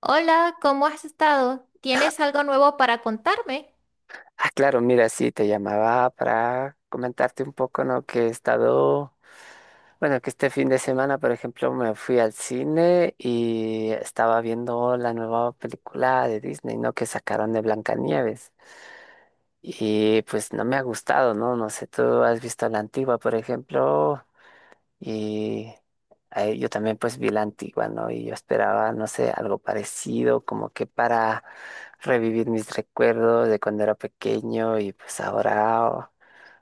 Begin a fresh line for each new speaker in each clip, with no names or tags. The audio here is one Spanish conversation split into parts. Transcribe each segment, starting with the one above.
Hola, ¿cómo has estado? ¿Tienes algo nuevo para contarme?
Ah, claro, mira, sí, te llamaba para comentarte un poco, ¿no? Que he estado, bueno, que este fin de semana, por ejemplo, me fui al cine y estaba viendo la nueva película de Disney, ¿no? Que sacaron de Blancanieves. Y pues no me ha gustado, ¿no? No sé, tú has visto la antigua, por ejemplo, y yo también pues vi la antigua, ¿no? Y yo esperaba, no sé, algo parecido, como que para revivir mis recuerdos de cuando era pequeño y pues ahora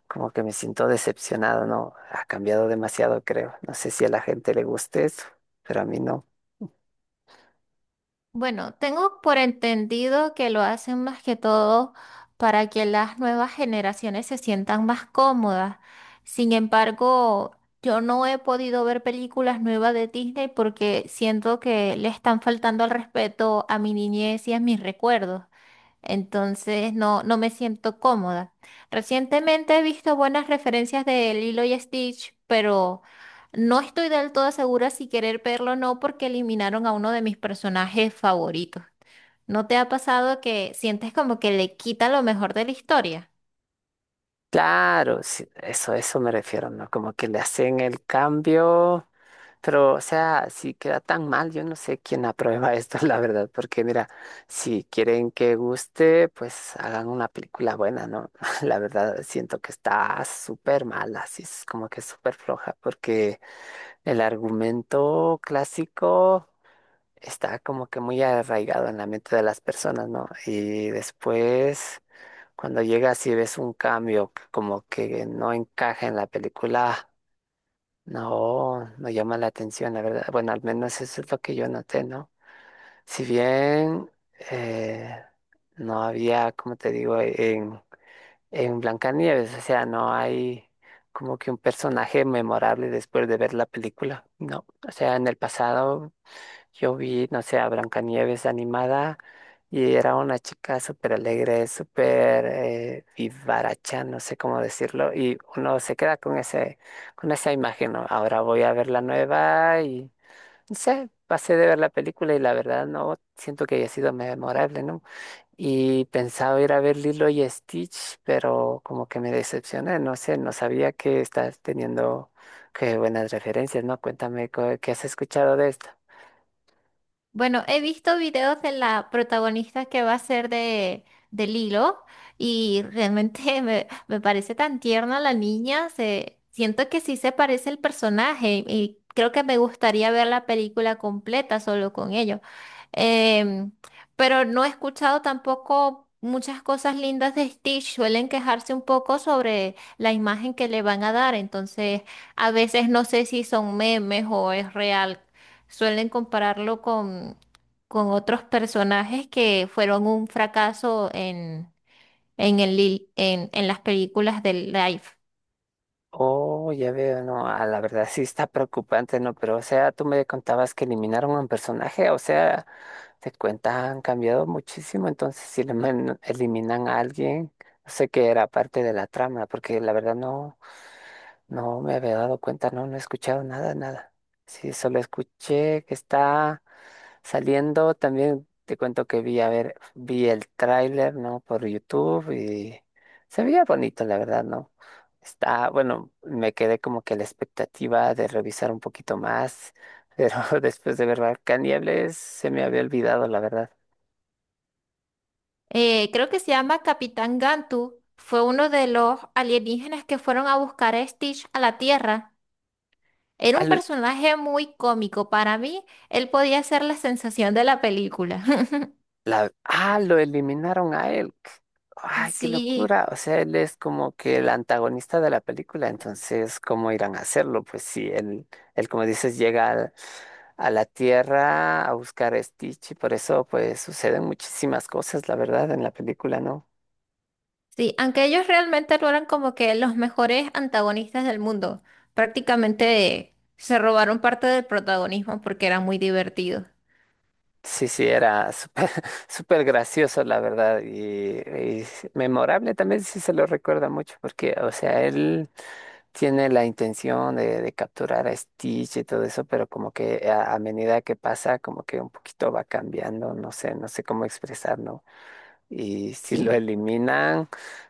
como que me siento decepcionado, ¿no? Ha cambiado demasiado, creo. No sé si a la gente le guste eso, pero a mí no.
Bueno, tengo por entendido que lo hacen más que todo para que las nuevas generaciones se sientan más cómodas. Sin embargo, yo no he podido ver películas nuevas de Disney porque siento que le están faltando al respeto a mi niñez y a mis recuerdos. Entonces no, no me siento cómoda. Recientemente he visto buenas referencias de Lilo y Stitch, pero no estoy del todo segura si querer verlo o no porque eliminaron a uno de mis personajes favoritos. ¿No te ha pasado que sientes como que le quita lo mejor de la historia?
Claro, sí, eso me refiero, ¿no? Como que le hacen el cambio, pero, o sea, si queda tan mal, yo no sé quién aprueba esto, la verdad, porque mira, si quieren que guste, pues hagan una película buena, ¿no? La verdad, siento que está súper mala, así es como que súper floja, porque el argumento clásico está como que muy arraigado en la mente de las personas, ¿no? Y después, cuando llegas y ves un cambio que como que no encaja en la película, no llama la atención, la verdad. Bueno, al menos eso es lo que yo noté, ¿no? Si bien eh, no había, como te digo, en Blancanieves, o sea, no hay como que un personaje memorable después de ver la película, ¿no? O sea, en el pasado. Yo vi, no sé, a Blancanieves animada y era una chica súper alegre, súper vivaracha, no sé cómo decirlo, y uno se queda con ese, con esa imagen, ¿no? Ahora voy a ver la nueva y, no sé, pasé de ver la película y la verdad no siento que haya sido memorable, ¿no? Y pensaba ir a ver Lilo y Stitch, pero como que me decepcioné, no sé, no sabía que estás teniendo que buenas referencias, ¿no? Cuéntame qué has escuchado de esto.
Bueno, he visto videos de la protagonista que va a ser de Lilo y realmente me parece tan tierna la niña, se, siento que sí se parece el personaje y creo que me gustaría ver la película completa solo con ello. Em, pero no he escuchado tampoco muchas cosas lindas de Stitch, suelen quejarse un poco sobre la imagen que le van a dar, entonces a veces no sé si son memes o es real. Suelen compararlo con otros personajes que fueron un fracaso en, el, li- en las películas del live.
Oh, ya veo, no, ah, la verdad sí está preocupante, ¿no? Pero, o sea, tú me contabas que eliminaron un personaje, o sea, te cuenta, han cambiado muchísimo, entonces si eliminan a alguien, no sé qué era parte de la trama, porque la verdad no me había dado cuenta, no, no he escuchado nada, nada. Sí, solo escuché que está saliendo, también te cuento que vi, a ver, vi el tráiler, ¿no? Por YouTube y se veía bonito, la verdad, ¿no? Está, bueno, me quedé como que a la expectativa de revisar un poquito más, pero después de ver Blancanieves se me había olvidado, la verdad.
Creo que se llama Capitán Gantu. Fue uno de los alienígenas que fueron a buscar a Stitch a la Tierra. Era
Ah,
un
lo,
personaje muy cómico. Para mí, él podía ser la sensación de la película.
lo eliminaron a él. Ay, qué
Sí.
locura. O sea, él es como que el antagonista de la película, entonces, ¿cómo irán a hacerlo? Pues sí, él como dices, a la Tierra a buscar a Stitch y por eso, pues, suceden muchísimas cosas, la verdad, en la película, no.
Sí, aunque ellos realmente no eran como que los mejores antagonistas del mundo. Prácticamente se robaron parte del protagonismo porque eran muy divertidos.
Sí, sí, era súper súper gracioso, la verdad, y sí, memorable también, sí se lo recuerda mucho, porque, o sea, él tiene la intención de capturar a Stitch y todo eso, pero como que a medida que pasa, como que un poquito va cambiando, no sé, no sé cómo expresarlo, y si lo
Sí.
eliminan,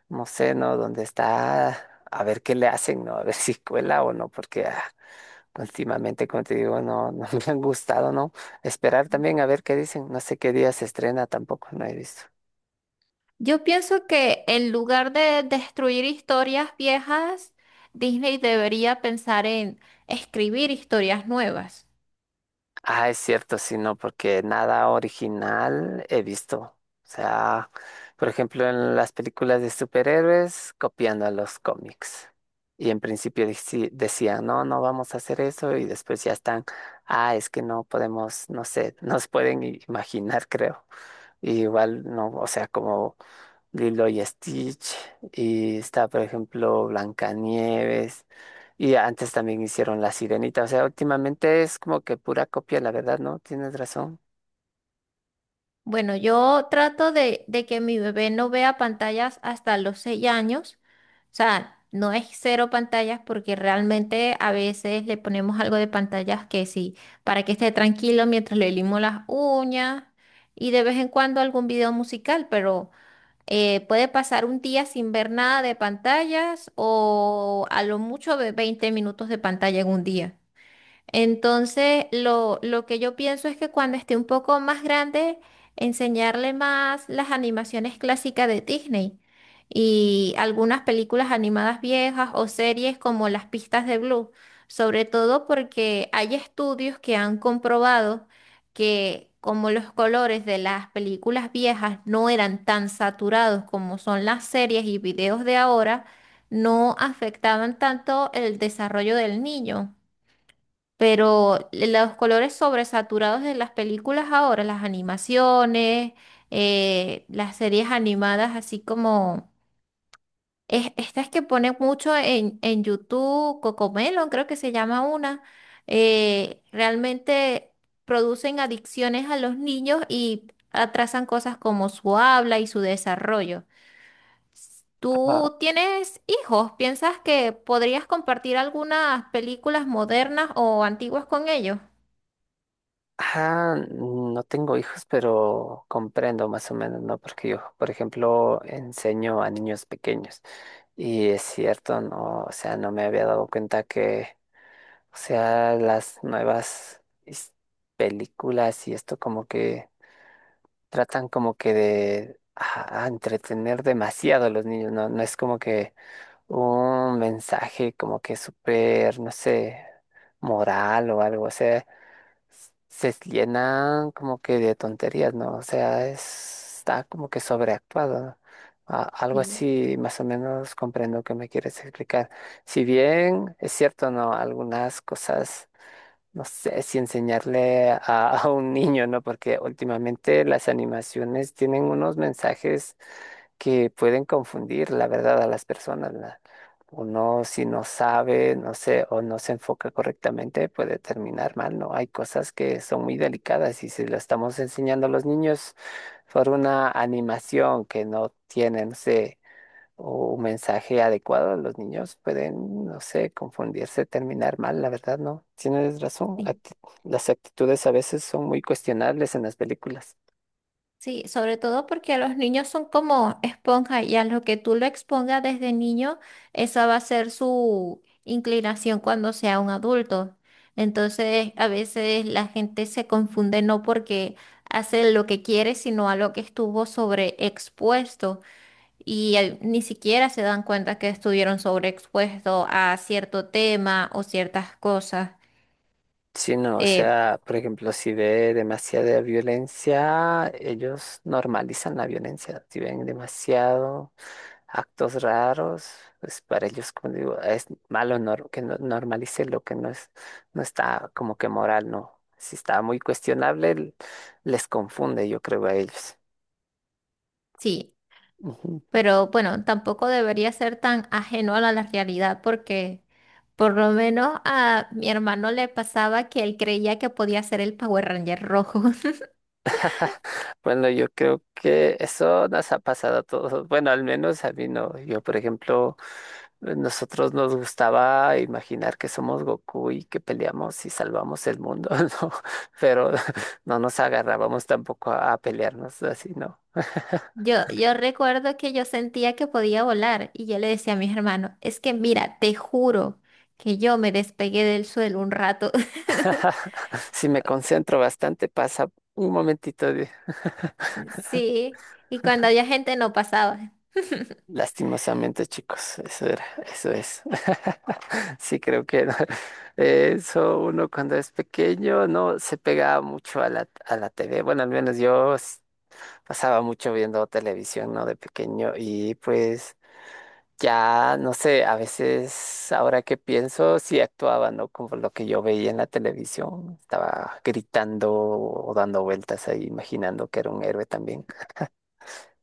no sé, ¿no? ¿Dónde está? A ver qué le hacen, ¿no? A ver si cuela o no, porque ah, últimamente, como te digo, no, no me han gustado, ¿no? Esperar también a ver qué dicen. No sé qué día se estrena tampoco, no he visto.
Yo pienso que en lugar de destruir historias viejas, Disney debería pensar en escribir historias nuevas.
Ah, es cierto, sí, no, porque nada original he visto. O sea, por ejemplo, en las películas de superhéroes, copiando a los cómics. Y en principio decían, no, no vamos a hacer eso, y después ya están, ah, es que no podemos, no sé, nos pueden imaginar, creo. Y igual, no, o sea, como Lilo y Stitch, y está, por ejemplo, Blancanieves, y antes también hicieron La Sirenita, o sea, últimamente es como que pura copia, la verdad, ¿no? Tienes razón.
Bueno, yo trato de, que mi bebé no vea pantallas hasta los 6 años. O sea, no es cero pantallas porque realmente a veces le ponemos algo de pantallas que sí, para que esté tranquilo mientras le limo las uñas y de vez en cuando algún video musical, pero puede pasar un día sin ver nada de pantallas o a lo mucho 20 minutos de pantalla en un día. Entonces, lo que yo pienso es que cuando esté un poco más grande, enseñarle más las animaciones clásicas de Disney y algunas películas animadas viejas o series como Las Pistas de Blue, sobre todo porque hay estudios que han comprobado que como los colores de las películas viejas no eran tan saturados como son las series y videos de ahora, no afectaban tanto el desarrollo del niño. Pero los colores sobresaturados de las películas ahora, las animaciones, las series animadas, así como estas que ponen mucho en YouTube, Cocomelon, creo que se llama una, realmente producen adicciones a los niños y atrasan cosas como su habla y su desarrollo.
Ah,
¿Tú tienes hijos? ¿Piensas que podrías compartir algunas películas modernas o antiguas con ellos?
no tengo hijos, pero comprendo más o menos, ¿no? Porque yo, por ejemplo, enseño a niños pequeños, y es cierto, ¿no? O sea, no me había dado cuenta que, o sea, las nuevas películas y esto como que tratan como que de entretener demasiado a los niños, ¿no? No es como que un mensaje como que súper, no sé, moral o algo, o sea, se llenan como que de tonterías, ¿no? O sea, está como que sobreactuado, ¿no? Algo
Sí,
así, más o menos comprendo que me quieres explicar. Si bien es cierto, ¿no? Algunas cosas no sé si enseñarle a un niño, ¿no? Porque últimamente las animaciones tienen unos mensajes que pueden confundir, la verdad, a las personas. Uno, si no sabe, no sé, o no se enfoca correctamente, puede terminar mal, ¿no? Hay cosas que son muy delicadas y si lo estamos enseñando a los niños por una animación que no tiene no sé o un mensaje adecuado, los niños pueden, no sé, confundirse, terminar mal, la verdad, no. Tienes razón,
sí,
las actitudes a veces son muy cuestionables en las películas.
sí, sobre todo porque los niños son como esponja y a lo que tú lo expongas desde niño, esa va a ser su inclinación cuando sea un adulto. Entonces, a veces la gente se confunde no porque hace lo que quiere, sino a lo que estuvo sobreexpuesto y ni siquiera se dan cuenta que estuvieron sobreexpuestos a cierto tema o ciertas cosas.
Sí, no, o
Eh,
sea, por ejemplo, si ve demasiada violencia, ellos normalizan la violencia. Si ven demasiado actos raros, pues para ellos, como digo, es malo nor- que no- normalice lo que no es, no está como que moral, no. Si está muy cuestionable, les confunde, yo creo, a ellos.
sí.
Ujú.
Pero bueno, tampoco debería ser tan ajeno a la realidad porque por lo menos a mi hermano le pasaba que él creía que podía ser el Power Ranger rojo.
Bueno, yo creo que eso nos ha pasado a todos. Bueno, al menos a mí no. Yo, por ejemplo, nosotros nos gustaba imaginar que somos Goku y que peleamos y salvamos el mundo, ¿no? Pero no nos agarrábamos tampoco a pelearnos así, no.
Yo recuerdo que yo sentía que podía volar y yo le decía a mis hermanos, es que mira, te juro que yo me despegué del suelo un rato.
Si me concentro bastante, pasa un momentito de...
Sí, y cuando había gente no pasaba.
Lastimosamente, chicos, eso era, eso es. Sí, creo que no. Eso uno cuando es pequeño no se pegaba mucho a a la TV. Bueno, al menos pasaba mucho viendo televisión, ¿no? De pequeño y pues ya, no sé, a veces ahora que pienso, sí actuaba, ¿no? Como lo que yo veía en la televisión, estaba gritando o dando vueltas ahí, imaginando que era un héroe también.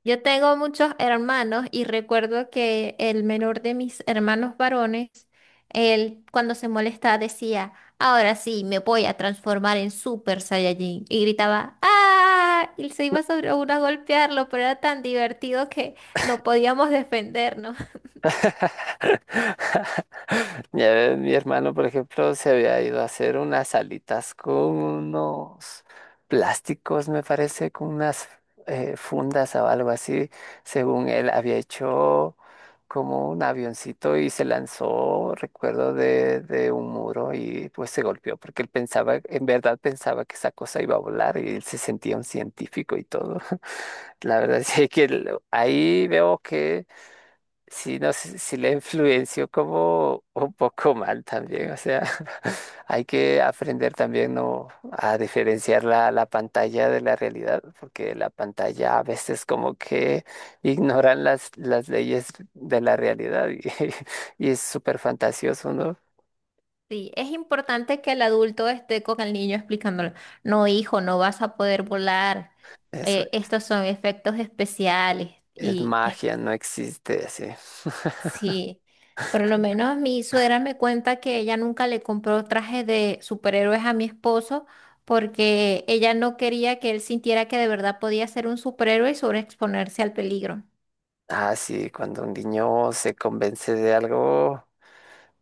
Yo tengo muchos hermanos y recuerdo que el menor de mis hermanos varones, él cuando se molestaba decía, ahora sí me voy a transformar en Super Saiyajin. Y gritaba, ¡ah! Y se iba sobre uno a golpearlo, pero era tan divertido que no podíamos defendernos.
Ya ves, mi hermano, por ejemplo, se había ido a hacer unas alitas con unos plásticos, me parece, con unas fundas o algo así. Según él, había hecho como un avioncito y se lanzó, recuerdo, de un muro y pues se golpeó porque él pensaba, en verdad pensaba que esa cosa iba a volar y él se sentía un científico y todo. La verdad es que ahí veo que sí, no sé si le influenció como un poco mal también, o sea, hay que aprender también, ¿no?, a diferenciar la pantalla de la realidad, porque la pantalla a veces como que ignoran las leyes de la realidad y, y es súper fantasioso, ¿no?
Sí, es importante que el adulto esté con el niño explicándolo, no hijo, no vas a poder volar,
Eso
estos son efectos especiales.
es
Y es.
magia, no existe así.
Sí, por lo menos mi suegra me cuenta que ella nunca le compró traje de superhéroes a mi esposo porque ella no quería que él sintiera que de verdad podía ser un superhéroe y sobreexponerse al peligro.
Ah, sí, cuando un niño se convence de algo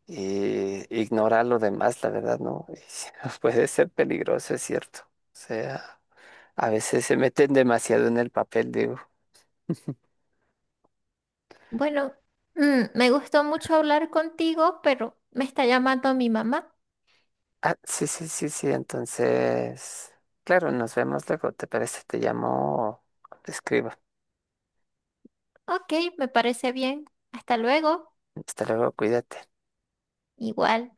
y ignorar lo demás, la verdad, no. Puede ser peligroso, es cierto. O sea, a veces se meten demasiado en el papel, digo.
Bueno, me gustó mucho hablar contigo, pero me está llamando mi mamá.
Ah, sí, sí, sí, sí, entonces, claro, nos vemos luego, ¿te parece? Te llamo, o te escribo.
Ok, me parece bien. Hasta luego.
Hasta luego, cuídate.
Igual.